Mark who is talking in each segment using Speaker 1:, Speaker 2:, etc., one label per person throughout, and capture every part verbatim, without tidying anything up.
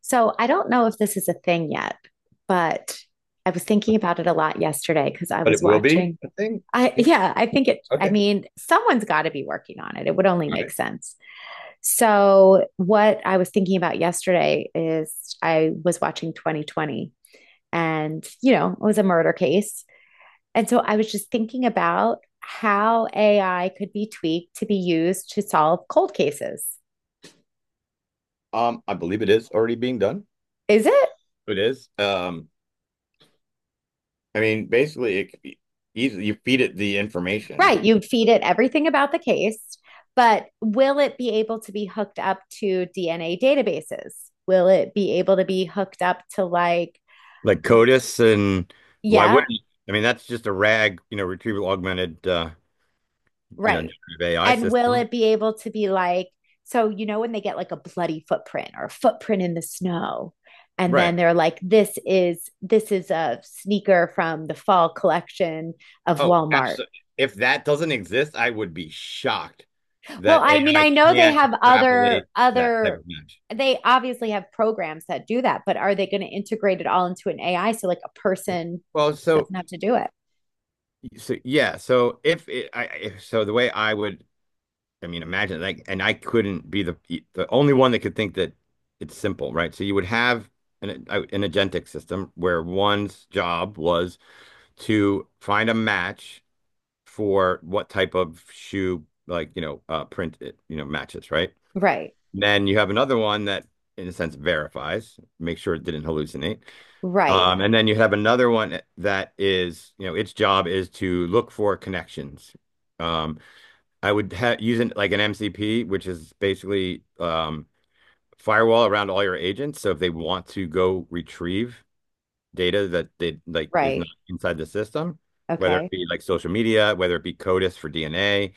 Speaker 1: So I don't know if this is a thing yet, but I was thinking about it a lot yesterday because I
Speaker 2: But it
Speaker 1: was
Speaker 2: will be
Speaker 1: watching.
Speaker 2: a thing.
Speaker 1: I,
Speaker 2: Yeah.
Speaker 1: yeah, I think it, I
Speaker 2: Okay.
Speaker 1: mean, Someone's got to be working on it. It would only
Speaker 2: All
Speaker 1: make
Speaker 2: right.
Speaker 1: sense. So, what I was thinking about yesterday is I was watching twenty twenty and, you know, it was a murder case. And so I was just thinking about how A I could be tweaked to be used to solve cold cases.
Speaker 2: Um, I believe it is already being done.
Speaker 1: Is it?
Speaker 2: It is. Um, I mean, basically, it, c- you feed it the information.
Speaker 1: Right. You would feed it everything about the case, but will it be able to be hooked up to D N A databases? Will it be able to be hooked up to like,
Speaker 2: Like
Speaker 1: y-
Speaker 2: CODIS and why
Speaker 1: yeah,
Speaker 2: wouldn't I mean That's just a rag, you know, retrieval augmented uh, you know,
Speaker 1: right.
Speaker 2: A I
Speaker 1: And will
Speaker 2: system.
Speaker 1: it be able to be like, so, you know, when they get like a bloody footprint or a footprint in the snow, and
Speaker 2: Right.
Speaker 1: then they're like, this is, this is a sneaker from the fall collection of
Speaker 2: Oh,
Speaker 1: Walmart.
Speaker 2: absolutely. If that doesn't exist, I would be shocked
Speaker 1: Well,
Speaker 2: that
Speaker 1: I mean,
Speaker 2: A I
Speaker 1: I know they
Speaker 2: can
Speaker 1: have other
Speaker 2: extrapolate that type
Speaker 1: other
Speaker 2: of match.
Speaker 1: they obviously have programs that do that, but are they going to integrate it all into an A I so like a person
Speaker 2: Well, so
Speaker 1: doesn't have to do it?
Speaker 2: So yeah, so if it, I I- so the way I would I mean, imagine like, and I couldn't be the the only one that could think that. It's simple, right? So you would have an an agentic system where one's job was to find a match for what type of shoe, like, you know, uh, print it, you know, matches, right?
Speaker 1: Right.
Speaker 2: Then you have another one that, in a sense, verifies, make sure it didn't hallucinate.
Speaker 1: Right.
Speaker 2: Um, and then you have another one that is, you know, its job is to look for connections. Um, I would ha use it like an M C P, which is basically um, firewall around all your agents. So if they want to go retrieve data that they like is not
Speaker 1: Right.
Speaker 2: inside the system, whether it
Speaker 1: Okay.
Speaker 2: be like social media, whether it be CODIS for D N A,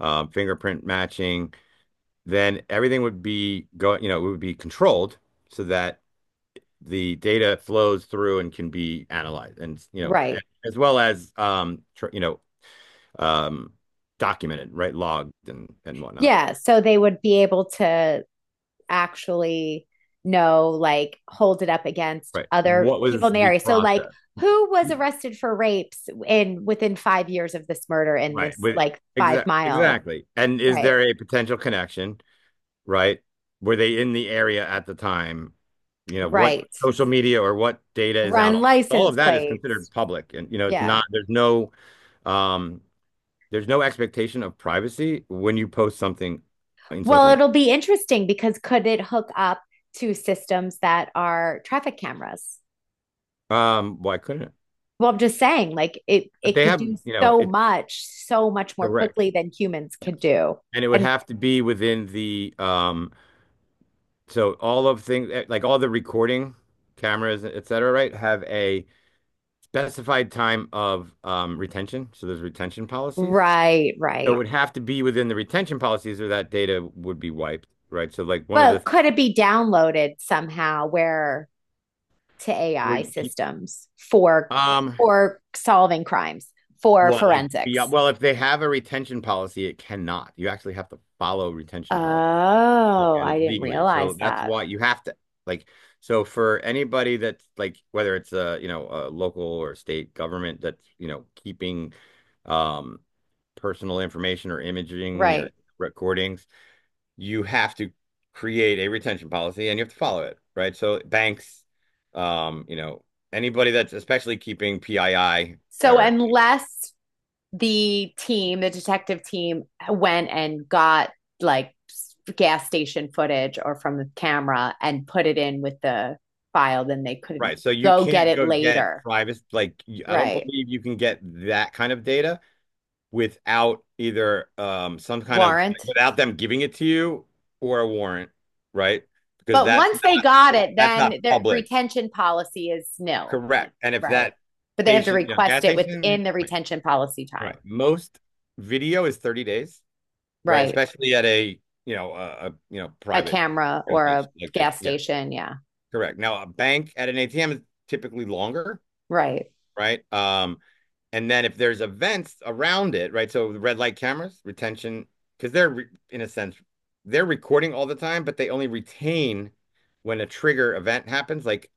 Speaker 2: um, fingerprint matching, then everything would be go, you know, it would be controlled, so that the data flows through and can be analyzed, and you know, a-
Speaker 1: Right.
Speaker 2: as well as um, tr you know, um, documented, right, logged and and whatnot.
Speaker 1: Yeah, so they would be able to actually know like hold it up against
Speaker 2: Right.
Speaker 1: other
Speaker 2: What
Speaker 1: people
Speaker 2: was
Speaker 1: in the
Speaker 2: the
Speaker 1: area. So like
Speaker 2: process?
Speaker 1: who was arrested for rapes in within five years of this murder in
Speaker 2: Right.
Speaker 1: this
Speaker 2: With
Speaker 1: like 5
Speaker 2: exa-
Speaker 1: mile,
Speaker 2: exactly. And is
Speaker 1: right?
Speaker 2: there a potential connection? Right. Were they in the area at the time? You know, what
Speaker 1: Right.
Speaker 2: social media or what data is out?
Speaker 1: Run
Speaker 2: All of
Speaker 1: license
Speaker 2: that is considered
Speaker 1: plates.
Speaker 2: public. And, you know, it's
Speaker 1: Yeah.
Speaker 2: not, there's no, um, there's no expectation of privacy when you post something in
Speaker 1: Well,
Speaker 2: social media.
Speaker 1: it'll be interesting because could it hook up to systems that are traffic cameras?
Speaker 2: Um, why couldn't it?
Speaker 1: Well, I'm just saying, like it
Speaker 2: But
Speaker 1: it
Speaker 2: they
Speaker 1: could
Speaker 2: have,
Speaker 1: do
Speaker 2: you know,
Speaker 1: so
Speaker 2: it's
Speaker 1: much, so much more
Speaker 2: correct.
Speaker 1: quickly than humans
Speaker 2: Yes.
Speaker 1: could do.
Speaker 2: And it would
Speaker 1: And
Speaker 2: have to be within the um So all of things eh, like all the recording cameras, et cetera, right, have a specified time of um, retention. So there's retention policies.
Speaker 1: right,
Speaker 2: So it right,
Speaker 1: right.
Speaker 2: would have to be within the retention policies, or that data would be wiped, right? So like one of the
Speaker 1: But could it be downloaded somehow where to
Speaker 2: where
Speaker 1: A I
Speaker 2: you keep
Speaker 1: systems for
Speaker 2: um
Speaker 1: for solving crimes, for
Speaker 2: what like beyond,
Speaker 1: forensics?
Speaker 2: well, if they have a retention policy, it cannot. You actually have to follow retention policy.
Speaker 1: Oh,
Speaker 2: Okay,
Speaker 1: I didn't
Speaker 2: legally. So
Speaker 1: realize
Speaker 2: that's
Speaker 1: that.
Speaker 2: why you have to, like, so for anybody that's like, whether it's a, you know, a local or state government that's, you know, keeping um personal information or imaging or
Speaker 1: Right.
Speaker 2: recordings, you have to create a retention policy and you have to follow it, right? So banks, um, you know, anybody that's especially keeping P I I
Speaker 1: So
Speaker 2: or
Speaker 1: unless the team, the detective team, went and got like gas station footage or from the camera and put it in with the file. Then they couldn't
Speaker 2: right. So you
Speaker 1: go get
Speaker 2: can't
Speaker 1: it
Speaker 2: go get
Speaker 1: later.
Speaker 2: private like y- I don't
Speaker 1: Right.
Speaker 2: believe you can get that kind of data without either um some kind of,
Speaker 1: Warrant.
Speaker 2: without them giving it to you or a warrant, right? Because
Speaker 1: But
Speaker 2: that's
Speaker 1: once they got
Speaker 2: not,
Speaker 1: it,
Speaker 2: that's
Speaker 1: then
Speaker 2: not
Speaker 1: their
Speaker 2: public.
Speaker 1: retention policy is nil.
Speaker 2: Correct. And if
Speaker 1: Right.
Speaker 2: that
Speaker 1: But they have to
Speaker 2: station, you know, gas
Speaker 1: request it within
Speaker 2: station,
Speaker 1: the
Speaker 2: right.
Speaker 1: retention policy
Speaker 2: Right.
Speaker 1: time.
Speaker 2: Most video is thirty days, right?
Speaker 1: Right.
Speaker 2: Especially at a, you know, a, a you know,
Speaker 1: A
Speaker 2: private
Speaker 1: camera or a
Speaker 2: organization. Like a,
Speaker 1: gas
Speaker 2: yeah,
Speaker 1: station. Yeah.
Speaker 2: correct. Now a bank at an A T M is typically longer,
Speaker 1: Right.
Speaker 2: right? Um, And then if there's events around it, right? So the red light cameras, retention, because they're, in a sense, they're recording all the time, but they only retain when a trigger event happens. Like,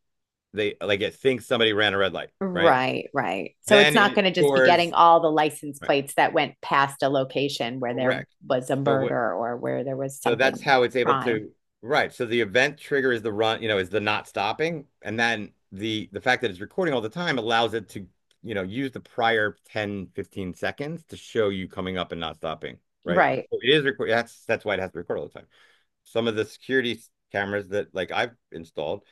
Speaker 2: they like it thinks somebody ran a red light, right?
Speaker 1: Right, right. So it's
Speaker 2: Then
Speaker 1: not going
Speaker 2: it
Speaker 1: to just be
Speaker 2: stores
Speaker 1: getting all the license
Speaker 2: right,
Speaker 1: plates that went past a location where there
Speaker 2: correct.
Speaker 1: was a
Speaker 2: So what,
Speaker 1: murder or where there was
Speaker 2: so that's
Speaker 1: something
Speaker 2: how it's able
Speaker 1: crime.
Speaker 2: to, right. So the event trigger is the run, you know, is the not stopping. And then the the fact that it's recording all the time allows it to, you know, use the prior ten fifteen seconds to show you coming up and not stopping, right?
Speaker 1: Right.
Speaker 2: So it is record, that's that's why it has to record all the time. Some of the security cameras that like I've installed,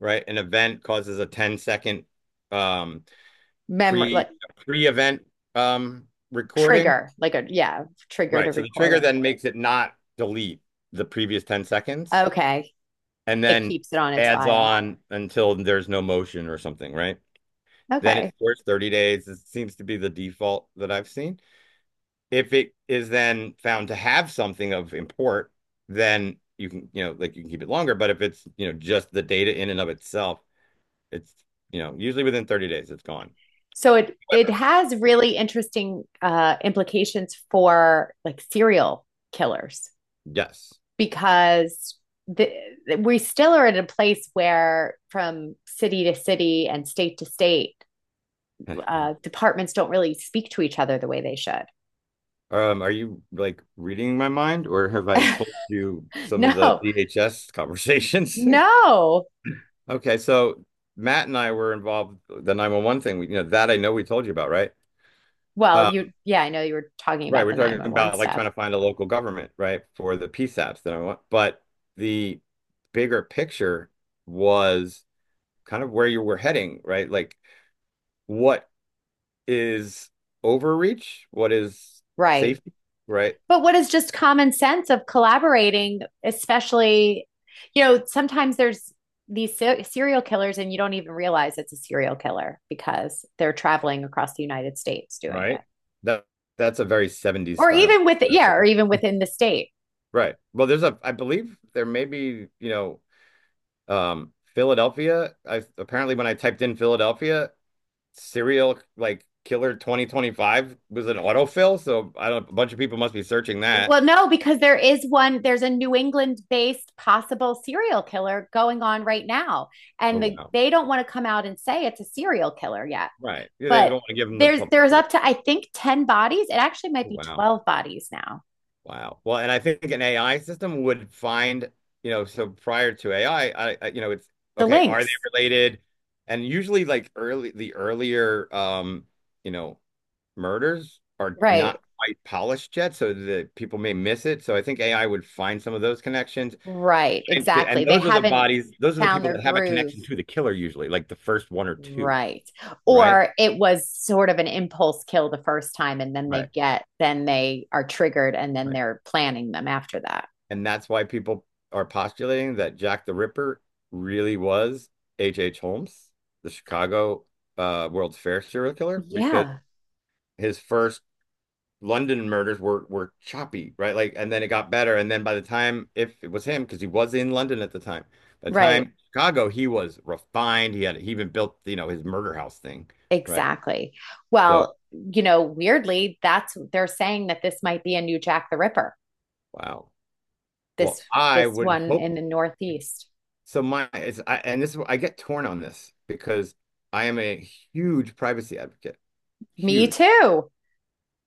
Speaker 2: right? An event causes a ten second um
Speaker 1: Memory,
Speaker 2: pre
Speaker 1: like
Speaker 2: pre-event um recording.
Speaker 1: trigger, like a, yeah, trigger to
Speaker 2: Right. So the
Speaker 1: record
Speaker 2: trigger
Speaker 1: it.
Speaker 2: then makes it not delete the previous ten seconds
Speaker 1: Okay.
Speaker 2: and
Speaker 1: It
Speaker 2: then
Speaker 1: keeps it on its
Speaker 2: adds
Speaker 1: file.
Speaker 2: on until there's no motion or something, right? Then it
Speaker 1: Okay.
Speaker 2: stores thirty days. It seems to be the default that I've seen. If it is then found to have something of import, then you can, you know, like, you can keep it longer. But if it's, you know, just the data in and of itself, it's, you know, usually within thirty days, it's gone.
Speaker 1: So it it
Speaker 2: However,
Speaker 1: has
Speaker 2: y-
Speaker 1: really interesting uh implications for like serial killers,
Speaker 2: yes.
Speaker 1: because the, we still are at a place where from city to city and state to state uh, departments don't really speak to each other the way they should.
Speaker 2: Um, are you like reading my mind, or have I told you some of the
Speaker 1: No,
Speaker 2: D H S conversations?
Speaker 1: no.
Speaker 2: Okay, so Matt and I were involved with the nine one one thing. We, you know, that I know we told you about, right?
Speaker 1: Well, you,
Speaker 2: Um,
Speaker 1: yeah, I know you were talking
Speaker 2: right,
Speaker 1: about
Speaker 2: we're
Speaker 1: the
Speaker 2: talking
Speaker 1: nine one one
Speaker 2: about like
Speaker 1: stuff.
Speaker 2: trying to find a local government, right, for the P SAPs that I want. But the bigger picture was kind of where you were heading, right? Like, what is overreach? What is
Speaker 1: Right,
Speaker 2: safety? Right,
Speaker 1: but what is just common sense of collaborating, especially, you know, sometimes there's these ser- serial killers and you don't even realize it's a serial killer because they're traveling across the United States doing it.
Speaker 2: right. That that's a very seventies
Speaker 1: Or
Speaker 2: style.
Speaker 1: even with, yeah, or even within the state.
Speaker 2: Right. Well, there's a, I believe there may be, you know, Um, Philadelphia. I apparently when I typed in Philadelphia, serial like killer twenty twenty-five was an autofill. So I don't. A bunch of people must be searching that.
Speaker 1: Well, no, because there is one, there's a New England based possible serial killer going on right now.
Speaker 2: Oh
Speaker 1: And the,
Speaker 2: wow.
Speaker 1: they don't want to come out and say it's a serial killer yet.
Speaker 2: Right. Yeah, they don't
Speaker 1: But
Speaker 2: want to give them the
Speaker 1: there's there's
Speaker 2: publicity.
Speaker 1: up to I think ten bodies. It actually might
Speaker 2: Oh,
Speaker 1: be
Speaker 2: wow.
Speaker 1: twelve bodies now.
Speaker 2: Wow. Well, and I think an A I system would find, you know, so prior to A I, I I, I you know, it's
Speaker 1: The
Speaker 2: okay, are they
Speaker 1: links.
Speaker 2: related? And usually like early the earlier um, you know, murders are
Speaker 1: Right.
Speaker 2: not quite polished yet, so that people may miss it. So I think A I would find some of those connections.
Speaker 1: Right.
Speaker 2: And,
Speaker 1: Exactly.
Speaker 2: and
Speaker 1: They
Speaker 2: those are the
Speaker 1: haven't
Speaker 2: bodies, those are the
Speaker 1: found
Speaker 2: people
Speaker 1: their
Speaker 2: that have a
Speaker 1: groove.
Speaker 2: connection to the killer usually, like the first one or two,
Speaker 1: Right.
Speaker 2: right?
Speaker 1: Or it was sort of an impulse kill the first time and then
Speaker 2: Right.
Speaker 1: they get then they are triggered and then
Speaker 2: Right.
Speaker 1: they're planning them after that.
Speaker 2: And that's why people are postulating that Jack the Ripper really was H H. Holmes, the Chicago uh, World's Fair serial killer, because
Speaker 1: Yeah.
Speaker 2: his first London murders were were choppy, right? Like, and then it got better. And then by the time, if it was him, because he was in London at the time, by the
Speaker 1: Right.
Speaker 2: time Chicago, he was refined. He had he even built, you know, his murder house thing, right?
Speaker 1: Exactly.
Speaker 2: So,
Speaker 1: Well, you know, weirdly, that's they're saying that this might be a new Jack the Ripper.
Speaker 2: wow.
Speaker 1: This
Speaker 2: Well, I
Speaker 1: this
Speaker 2: would
Speaker 1: one
Speaker 2: hope
Speaker 1: in the Northeast.
Speaker 2: so. My it's I, and this is- I get torn on this because I am a huge privacy advocate,
Speaker 1: Me
Speaker 2: huge.
Speaker 1: too.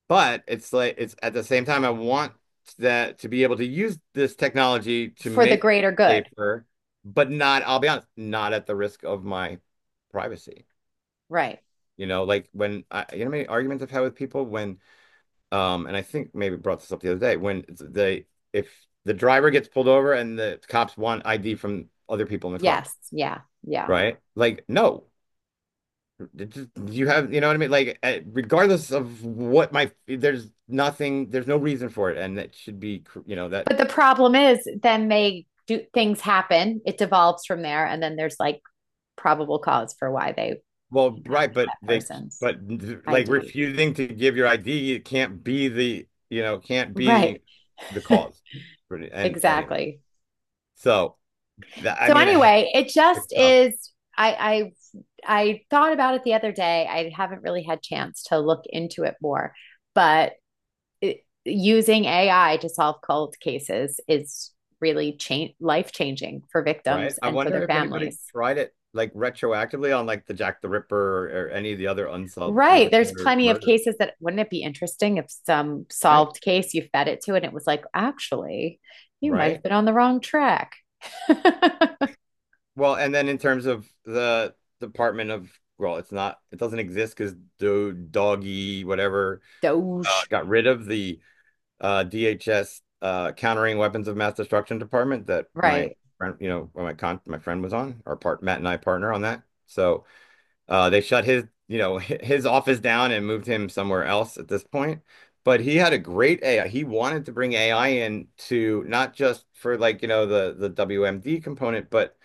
Speaker 2: But it's like, it's at the same time I want that to be able to use this technology to
Speaker 1: For the
Speaker 2: make
Speaker 1: greater good.
Speaker 2: safer, but not, I'll be honest, not at the risk of my privacy.
Speaker 1: Right.
Speaker 2: You know, like when I, you know, how many arguments I've had with people when, um, and I think maybe brought this up the other day when they, if the driver gets pulled over and the cops want I D from other people in the car,
Speaker 1: Yes. Yeah. Yeah.
Speaker 2: right? Like, no, you have, you know what I mean? Like, uh, regardless of what my, there's nothing, there's no reason for it, and that should be, you know, that.
Speaker 1: But the problem is then they do things happen. It devolves from there and then there's like probable cause for why they
Speaker 2: Well,
Speaker 1: can now
Speaker 2: right,
Speaker 1: get
Speaker 2: but
Speaker 1: that
Speaker 2: they,
Speaker 1: person's
Speaker 2: but like
Speaker 1: I D.
Speaker 2: refusing to give your I D, it can't be the, you know, can't be
Speaker 1: Right.
Speaker 2: the cause for it. And anyway,
Speaker 1: Exactly.
Speaker 2: so that I
Speaker 1: So
Speaker 2: mean, eh,
Speaker 1: anyway, it
Speaker 2: it's
Speaker 1: just
Speaker 2: tough,
Speaker 1: is I I I thought about it the other day. I haven't really had chance to look into it more, but it, using A I to solve cold cases is really change life changing for
Speaker 2: right?
Speaker 1: victims
Speaker 2: I
Speaker 1: and for
Speaker 2: wonder
Speaker 1: their
Speaker 2: if anybody
Speaker 1: families.
Speaker 2: tried it like retroactively on like the Jack the Ripper, or any of the other unsolved
Speaker 1: Right.
Speaker 2: serial
Speaker 1: There's
Speaker 2: killer
Speaker 1: plenty of
Speaker 2: murders,
Speaker 1: cases that wouldn't it be interesting if some
Speaker 2: right?
Speaker 1: solved case you fed it to and it was like, actually, you might have
Speaker 2: Right?
Speaker 1: been on the wrong track.
Speaker 2: Well, and then in terms of the Department of, well, it's not, it doesn't exist because do doggy whatever uh,
Speaker 1: Doge.
Speaker 2: got rid of the uh, D H S uh, Countering Weapons of Mass Destruction Department that my
Speaker 1: Right.
Speaker 2: friend, you know, my con my friend was on, our part Matt and I partner on that. So. Uh, they shut his, you know, hi- his office down and moved him somewhere else at this point. But he had a great A I. He wanted to bring A I in to not just for like, you know, the the W M D component, but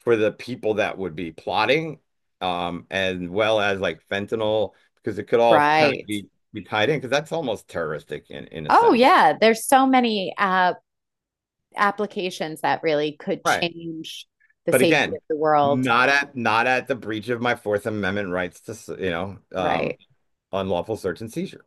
Speaker 2: for the people that would be plotting, um, as well as like fentanyl, because it could all kind of
Speaker 1: Right.
Speaker 2: be be tied in, because that's almost terroristic in in a
Speaker 1: Oh
Speaker 2: sense.
Speaker 1: yeah, there's so many uh applications that really could
Speaker 2: Right.
Speaker 1: change the
Speaker 2: But
Speaker 1: safety
Speaker 2: again,
Speaker 1: of the world.
Speaker 2: not at, not at the breach of my Fourth Amendment rights to, s- you know, um,
Speaker 1: Right.
Speaker 2: unlawful search and seizure.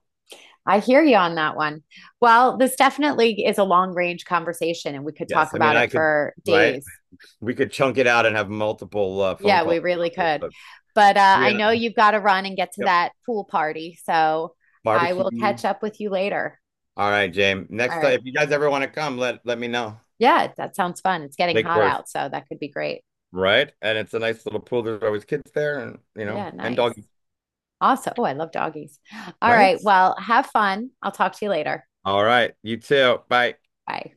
Speaker 1: I hear you on that one. Well, this definitely is a long range conversation and we could
Speaker 2: Yes,
Speaker 1: talk
Speaker 2: I mean
Speaker 1: about it
Speaker 2: I could,
Speaker 1: for
Speaker 2: right?
Speaker 1: days.
Speaker 2: We could chunk it out and have multiple uh, phone
Speaker 1: Yeah, we
Speaker 2: calls
Speaker 1: really
Speaker 2: about this,
Speaker 1: could.
Speaker 2: but
Speaker 1: But uh, I
Speaker 2: yeah,
Speaker 1: know you've got to run and get to
Speaker 2: yep,
Speaker 1: that pool party. So I will
Speaker 2: barbecue.
Speaker 1: catch up with you later.
Speaker 2: All right, James.
Speaker 1: All
Speaker 2: Next time,
Speaker 1: right.
Speaker 2: if you guys ever want to come, let let me know.
Speaker 1: Yeah, that sounds fun. It's getting
Speaker 2: Lake
Speaker 1: hot
Speaker 2: Worth,
Speaker 1: out. So that could be great.
Speaker 2: right? And it's a nice little pool. There's always kids there, and, you know,
Speaker 1: Yeah,
Speaker 2: and
Speaker 1: nice.
Speaker 2: doggy,
Speaker 1: Awesome. Oh, I love doggies. All
Speaker 2: right?
Speaker 1: right. Well, have fun. I'll talk to you later.
Speaker 2: All right, you too. Bye.
Speaker 1: Bye.